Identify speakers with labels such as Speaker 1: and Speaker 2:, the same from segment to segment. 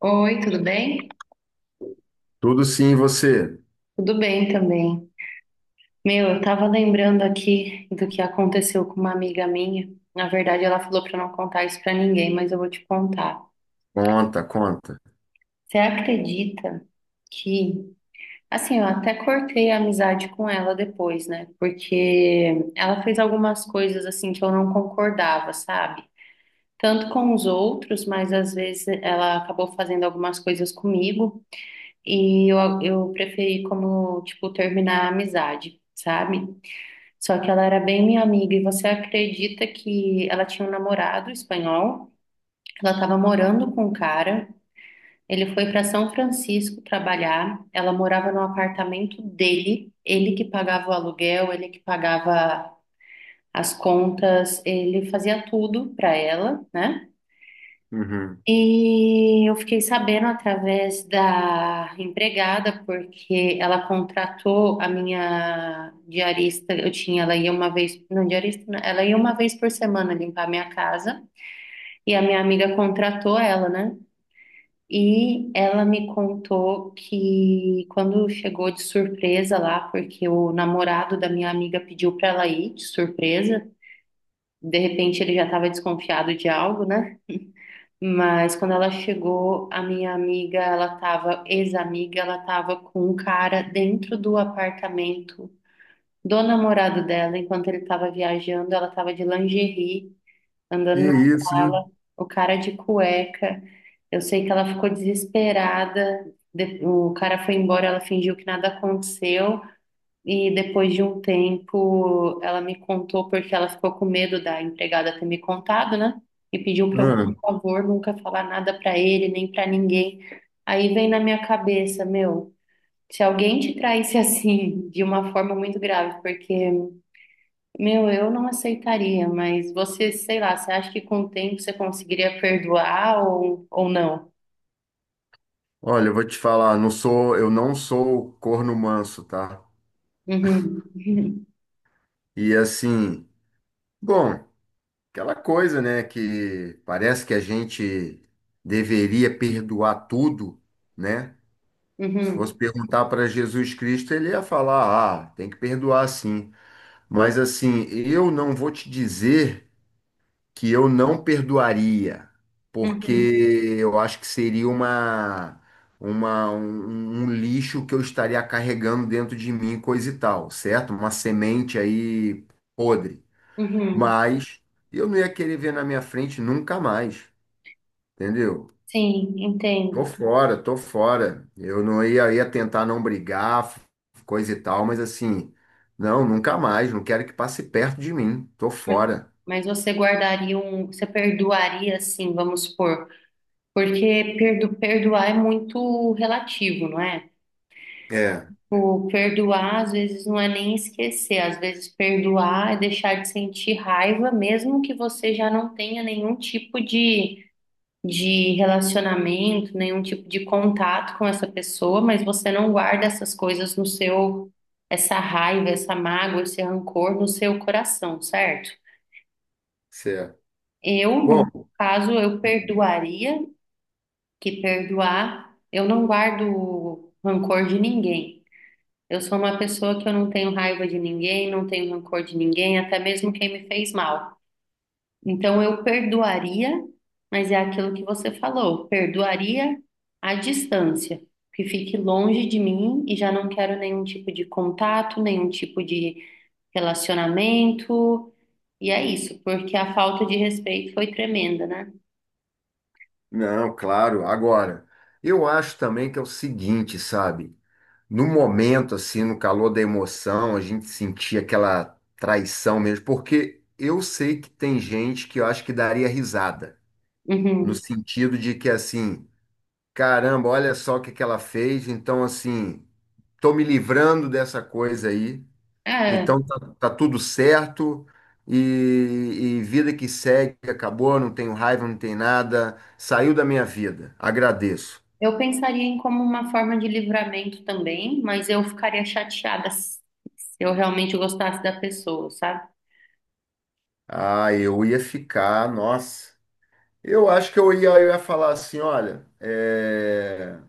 Speaker 1: Oi, tudo bem?
Speaker 2: Tudo sim, e você.
Speaker 1: Tudo bem também. Meu, eu tava lembrando aqui do que aconteceu com uma amiga minha. Na verdade, ela falou pra não contar isso pra ninguém, mas eu vou te contar.
Speaker 2: Conta, conta.
Speaker 1: Você acredita que, assim, eu até cortei a amizade com ela depois, né? Porque ela fez algumas coisas assim que eu não concordava, sabe? Tanto com os outros, mas às vezes ela acabou fazendo algumas coisas comigo e eu preferi como, tipo, terminar a amizade, sabe? Só que ela era bem minha amiga, e você acredita que ela tinha um namorado espanhol? Ela estava morando com um cara. Ele foi para São Francisco trabalhar. Ela morava no apartamento dele. Ele que pagava o aluguel, ele que pagava as contas, ele fazia tudo para ela, né?
Speaker 2: Uhum.
Speaker 1: E eu fiquei sabendo através da empregada, porque ela contratou a minha diarista. Eu tinha, ela ia uma vez, não diarista, não, ela ia uma vez por semana limpar a minha casa. E a minha amiga contratou ela, né? E ela me contou que quando chegou de surpresa lá, porque o namorado da minha amiga pediu para ela ir de surpresa, de repente ele já estava desconfiado de algo, né? Mas quando ela chegou, a minha amiga, ela tava, ex-amiga, ela tava com um cara dentro do apartamento do namorado dela, enquanto ele tava viajando, ela tava de lingerie,
Speaker 2: Que
Speaker 1: andando na
Speaker 2: isso,
Speaker 1: sala,
Speaker 2: hein?
Speaker 1: o cara de cueca. Eu sei que ela ficou desesperada, o cara foi embora, ela fingiu que nada aconteceu. E depois de um tempo, ela me contou porque ela ficou com medo da empregada ter me contado, né? E pediu para eu, por
Speaker 2: Ah,
Speaker 1: favor, nunca falar nada para ele, nem para ninguém. Aí vem na minha cabeça, meu, se alguém te traísse assim, de uma forma muito grave, porque, meu, eu não aceitaria, mas você, sei lá, você acha que com o tempo você conseguiria perdoar ou não?
Speaker 2: olha, eu vou te falar, eu não sou corno manso, tá?
Speaker 1: Uhum, uhum,
Speaker 2: E assim, bom, aquela coisa, né, que parece que a gente deveria perdoar tudo, né? Se fosse
Speaker 1: uhum,
Speaker 2: perguntar para Jesus Cristo, ele ia falar, ah, tem que perdoar sim. Mas assim, eu não vou te dizer que eu não perdoaria, porque
Speaker 1: uhum,
Speaker 2: eu acho que seria um lixo que eu estaria carregando dentro de mim, coisa e tal, certo? Uma semente aí podre.
Speaker 1: uhum.
Speaker 2: Mas eu não ia querer ver na minha frente nunca mais, entendeu?
Speaker 1: Sim,
Speaker 2: Tô
Speaker 1: entendo.
Speaker 2: fora, tô fora. Eu não ia, ia tentar não brigar, coisa e tal, mas assim, não, nunca mais, não quero que passe perto de mim, tô fora.
Speaker 1: Mas você guardaria um, você perdoaria assim, vamos supor, porque perdoar é muito relativo, não é?
Speaker 2: É,
Speaker 1: O perdoar às vezes não é nem esquecer, às vezes perdoar é deixar de sentir raiva, mesmo que você já não tenha nenhum tipo de relacionamento, nenhum tipo de contato com essa pessoa, mas você não guarda essas coisas no seu, essa raiva, essa mágoa, esse rancor no seu coração, certo?
Speaker 2: certo.
Speaker 1: Eu, no meu
Speaker 2: Bom.
Speaker 1: caso, eu perdoaria, que perdoar, eu não guardo rancor de ninguém. Eu sou uma pessoa que eu não tenho raiva de ninguém, não tenho rancor de ninguém, até mesmo quem me fez mal. Então eu perdoaria, mas é aquilo que você falou, perdoaria à distância, que fique longe de mim e já não quero nenhum tipo de contato, nenhum tipo de relacionamento. E é isso, porque a falta de respeito foi tremenda, né?
Speaker 2: Não, claro. Agora, eu acho também que é o seguinte, sabe? No momento, assim, no calor da emoção, a gente sentia aquela traição mesmo, porque eu sei que tem gente que eu acho que daria risada, no
Speaker 1: Uhum.
Speaker 2: sentido de que, assim, caramba, olha só o que que ela fez, então, assim, tô me livrando dessa coisa aí,
Speaker 1: É,
Speaker 2: então tá, tá tudo certo. E, e vida que segue, acabou, não tenho raiva, não tem nada, saiu da minha vida, agradeço.
Speaker 1: eu pensaria em como uma forma de livramento também, mas eu ficaria chateada se eu realmente gostasse da pessoa, sabe?
Speaker 2: Ah, eu ia ficar, nossa. Eu acho que eu ia falar assim, olha, é,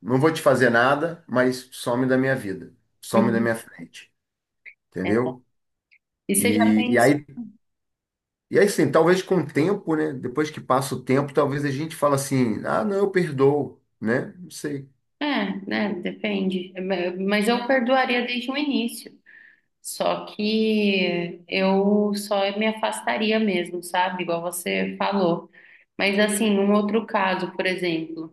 Speaker 2: não vou te fazer nada, mas some da minha vida, some da
Speaker 1: Uhum.
Speaker 2: minha frente,
Speaker 1: É,
Speaker 2: entendeu?
Speaker 1: e você já
Speaker 2: E, e
Speaker 1: pensa?
Speaker 2: aí, e aí sim, talvez com o tempo, né? Depois que passa o tempo, talvez a gente fala assim, ah, não, eu perdoo, né? Não sei.
Speaker 1: É, né? Depende. Mas eu perdoaria desde o início. Só que eu só me afastaria mesmo, sabe? Igual você falou. Mas assim, um outro caso, por exemplo,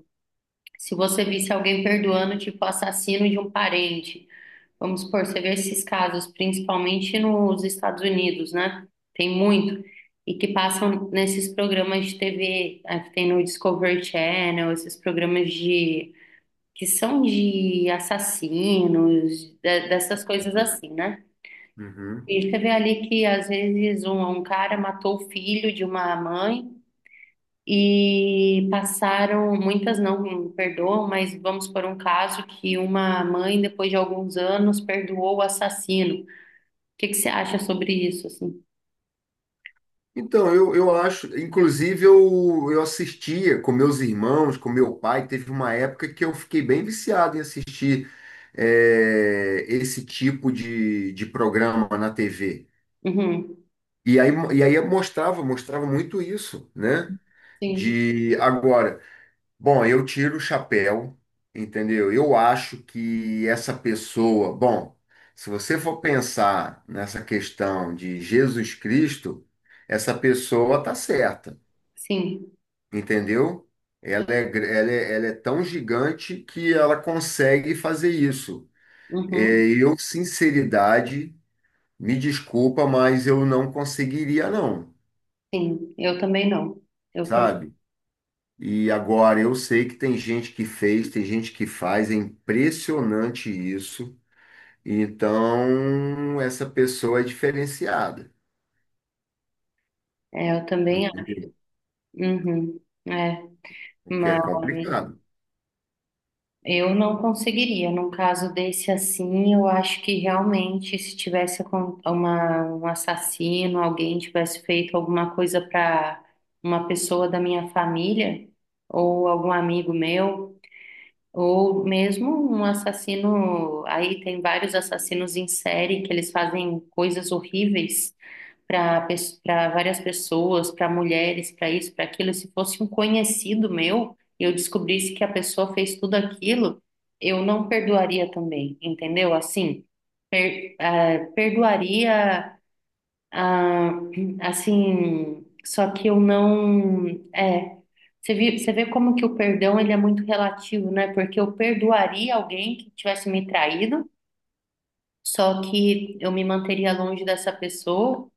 Speaker 1: se você visse alguém perdoando, tipo, assassino de um parente. Vamos supor, você vê esses casos, principalmente nos Estados Unidos, né? Tem muito. E que passam nesses programas de TV, que tem no Discovery Channel, esses programas de que são de assassinos, dessas coisas assim, né?
Speaker 2: Uhum.
Speaker 1: E você vê ali que às vezes um cara matou o filho de uma mãe e passaram, muitas não perdoam, mas vamos por um caso que uma mãe, depois de alguns anos, perdoou o assassino, que você acha sobre isso, assim?
Speaker 2: Então, eu acho, inclusive eu assistia com meus irmãos, com meu pai, teve uma época que eu fiquei bem viciado em assistir esse tipo de programa na TV.
Speaker 1: Uhum.
Speaker 2: E aí, e aí eu mostrava, mostrava muito isso, né?
Speaker 1: Sim,
Speaker 2: De agora, bom, eu tiro o chapéu, entendeu? Eu acho que essa pessoa, bom, se você for pensar nessa questão de Jesus Cristo, essa pessoa tá certa.
Speaker 1: sim.
Speaker 2: Entendeu? Ela é tão gigante que ela consegue fazer isso. É,
Speaker 1: Uhum.
Speaker 2: eu, sinceridade, me desculpa, mas eu não conseguiria, não,
Speaker 1: Sim, eu também não. Eu.
Speaker 2: sabe? E agora eu sei que tem gente que fez, tem gente que faz, é impressionante isso. Então, essa pessoa é diferenciada,
Speaker 1: É, eu também acho.
Speaker 2: entendeu?
Speaker 1: Uhum. É,
Speaker 2: Porque é
Speaker 1: mas
Speaker 2: complicado.
Speaker 1: eu não conseguiria. Num caso desse assim, eu acho que realmente se tivesse uma, um assassino, alguém tivesse feito alguma coisa para uma pessoa da minha família ou algum amigo meu. Ou mesmo um assassino, aí tem vários assassinos em série que eles fazem coisas horríveis para para várias pessoas, para mulheres, para isso, para aquilo. Se fosse um conhecido meu e eu descobrisse que a pessoa fez tudo aquilo, eu não perdoaria também, entendeu? Assim, ah, perdoaria, ah, assim, só que eu não. É, você vê como que o perdão ele é muito relativo, né? Porque eu perdoaria alguém que tivesse me traído, só que eu me manteria longe dessa pessoa,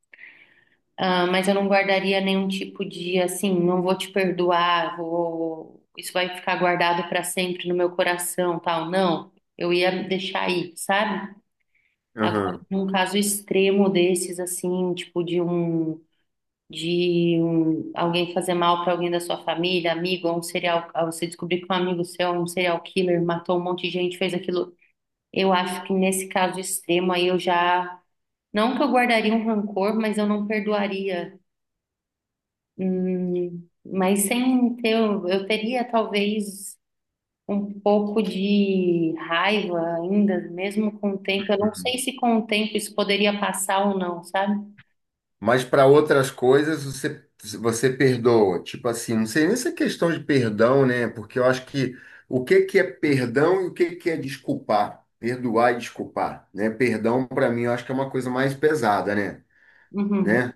Speaker 1: ah, mas eu não guardaria nenhum tipo de, assim, não vou te perdoar, vou, isso vai ficar guardado para sempre no meu coração, tal. Não, eu ia deixar aí, sabe? Agora, num caso extremo desses, assim, tipo de um. Alguém fazer mal para alguém da sua família, amigo, ou um serial, ou você descobrir que um amigo seu é um serial killer, matou um monte de gente, fez aquilo. Eu acho que nesse caso extremo aí eu já, não que eu guardaria um rancor, mas eu não perdoaria. Mas sem ter, eu teria talvez um pouco de raiva ainda, mesmo com o tempo. Eu não sei se com o tempo isso poderia passar ou não, sabe?
Speaker 2: Mas para outras coisas você, você perdoa. Tipo assim, não sei nem se é questão de perdão, né? Porque eu acho que o que que é perdão e o que que é desculpar, perdoar e desculpar, né? Perdão para mim eu acho que é uma coisa mais pesada, né?
Speaker 1: Uhum.
Speaker 2: Né?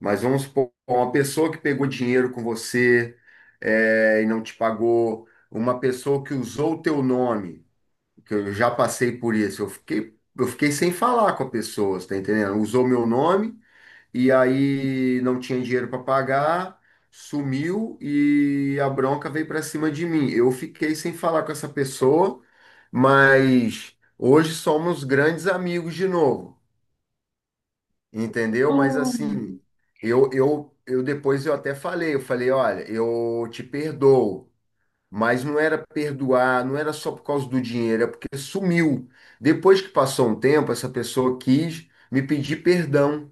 Speaker 2: Mas vamos supor, uma pessoa que pegou dinheiro com você é, e não te pagou, uma pessoa que usou o teu nome, que eu já passei por isso, eu fiquei sem falar com a pessoa, você tá entendendo? Usou meu nome e aí não tinha dinheiro para pagar, sumiu e a bronca veio para cima de mim. Eu fiquei sem falar com essa pessoa, mas hoje somos grandes amigos de novo, entendeu? Mas assim, eu depois eu até falei, eu falei, olha, eu te perdoo. Mas não era perdoar, não era só por causa do dinheiro, é porque sumiu. Depois que passou um tempo, essa pessoa quis me pedir perdão.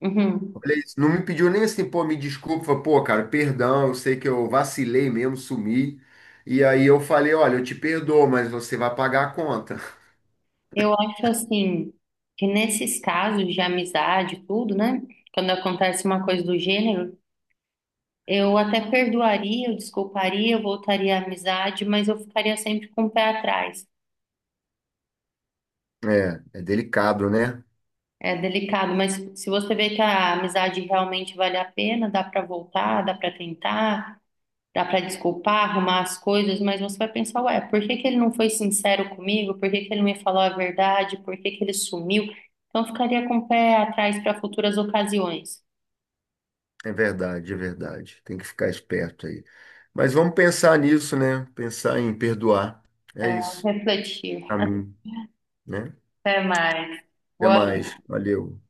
Speaker 1: Uhum.
Speaker 2: Beleza. Não me pediu nem assim, pô, me desculpa, pô, cara, perdão, eu sei que eu vacilei mesmo, sumi. E aí eu falei, olha, eu te perdoo, mas você vai pagar a conta.
Speaker 1: Eu acho assim que nesses casos de amizade, e tudo, né? Quando acontece uma coisa do gênero, eu até perdoaria, eu desculparia, eu voltaria à amizade, mas eu ficaria sempre com o pé atrás.
Speaker 2: É, é delicado, né?
Speaker 1: É delicado, mas se você vê que a amizade realmente vale a pena, dá para voltar, dá para tentar, dá para desculpar, arrumar as coisas, mas você vai pensar, ué, por que que ele não foi sincero comigo? Por que que ele não me falou a verdade? Por que que ele sumiu? Então eu ficaria com o pé atrás para futuras ocasiões.
Speaker 2: É verdade, é verdade. Tem que ficar esperto aí. Mas vamos pensar nisso, né? Pensar em perdoar. É isso,
Speaker 1: Refletir.
Speaker 2: pra mim, né?
Speaker 1: Até mais.
Speaker 2: Até
Speaker 1: Boa
Speaker 2: mais. Valeu.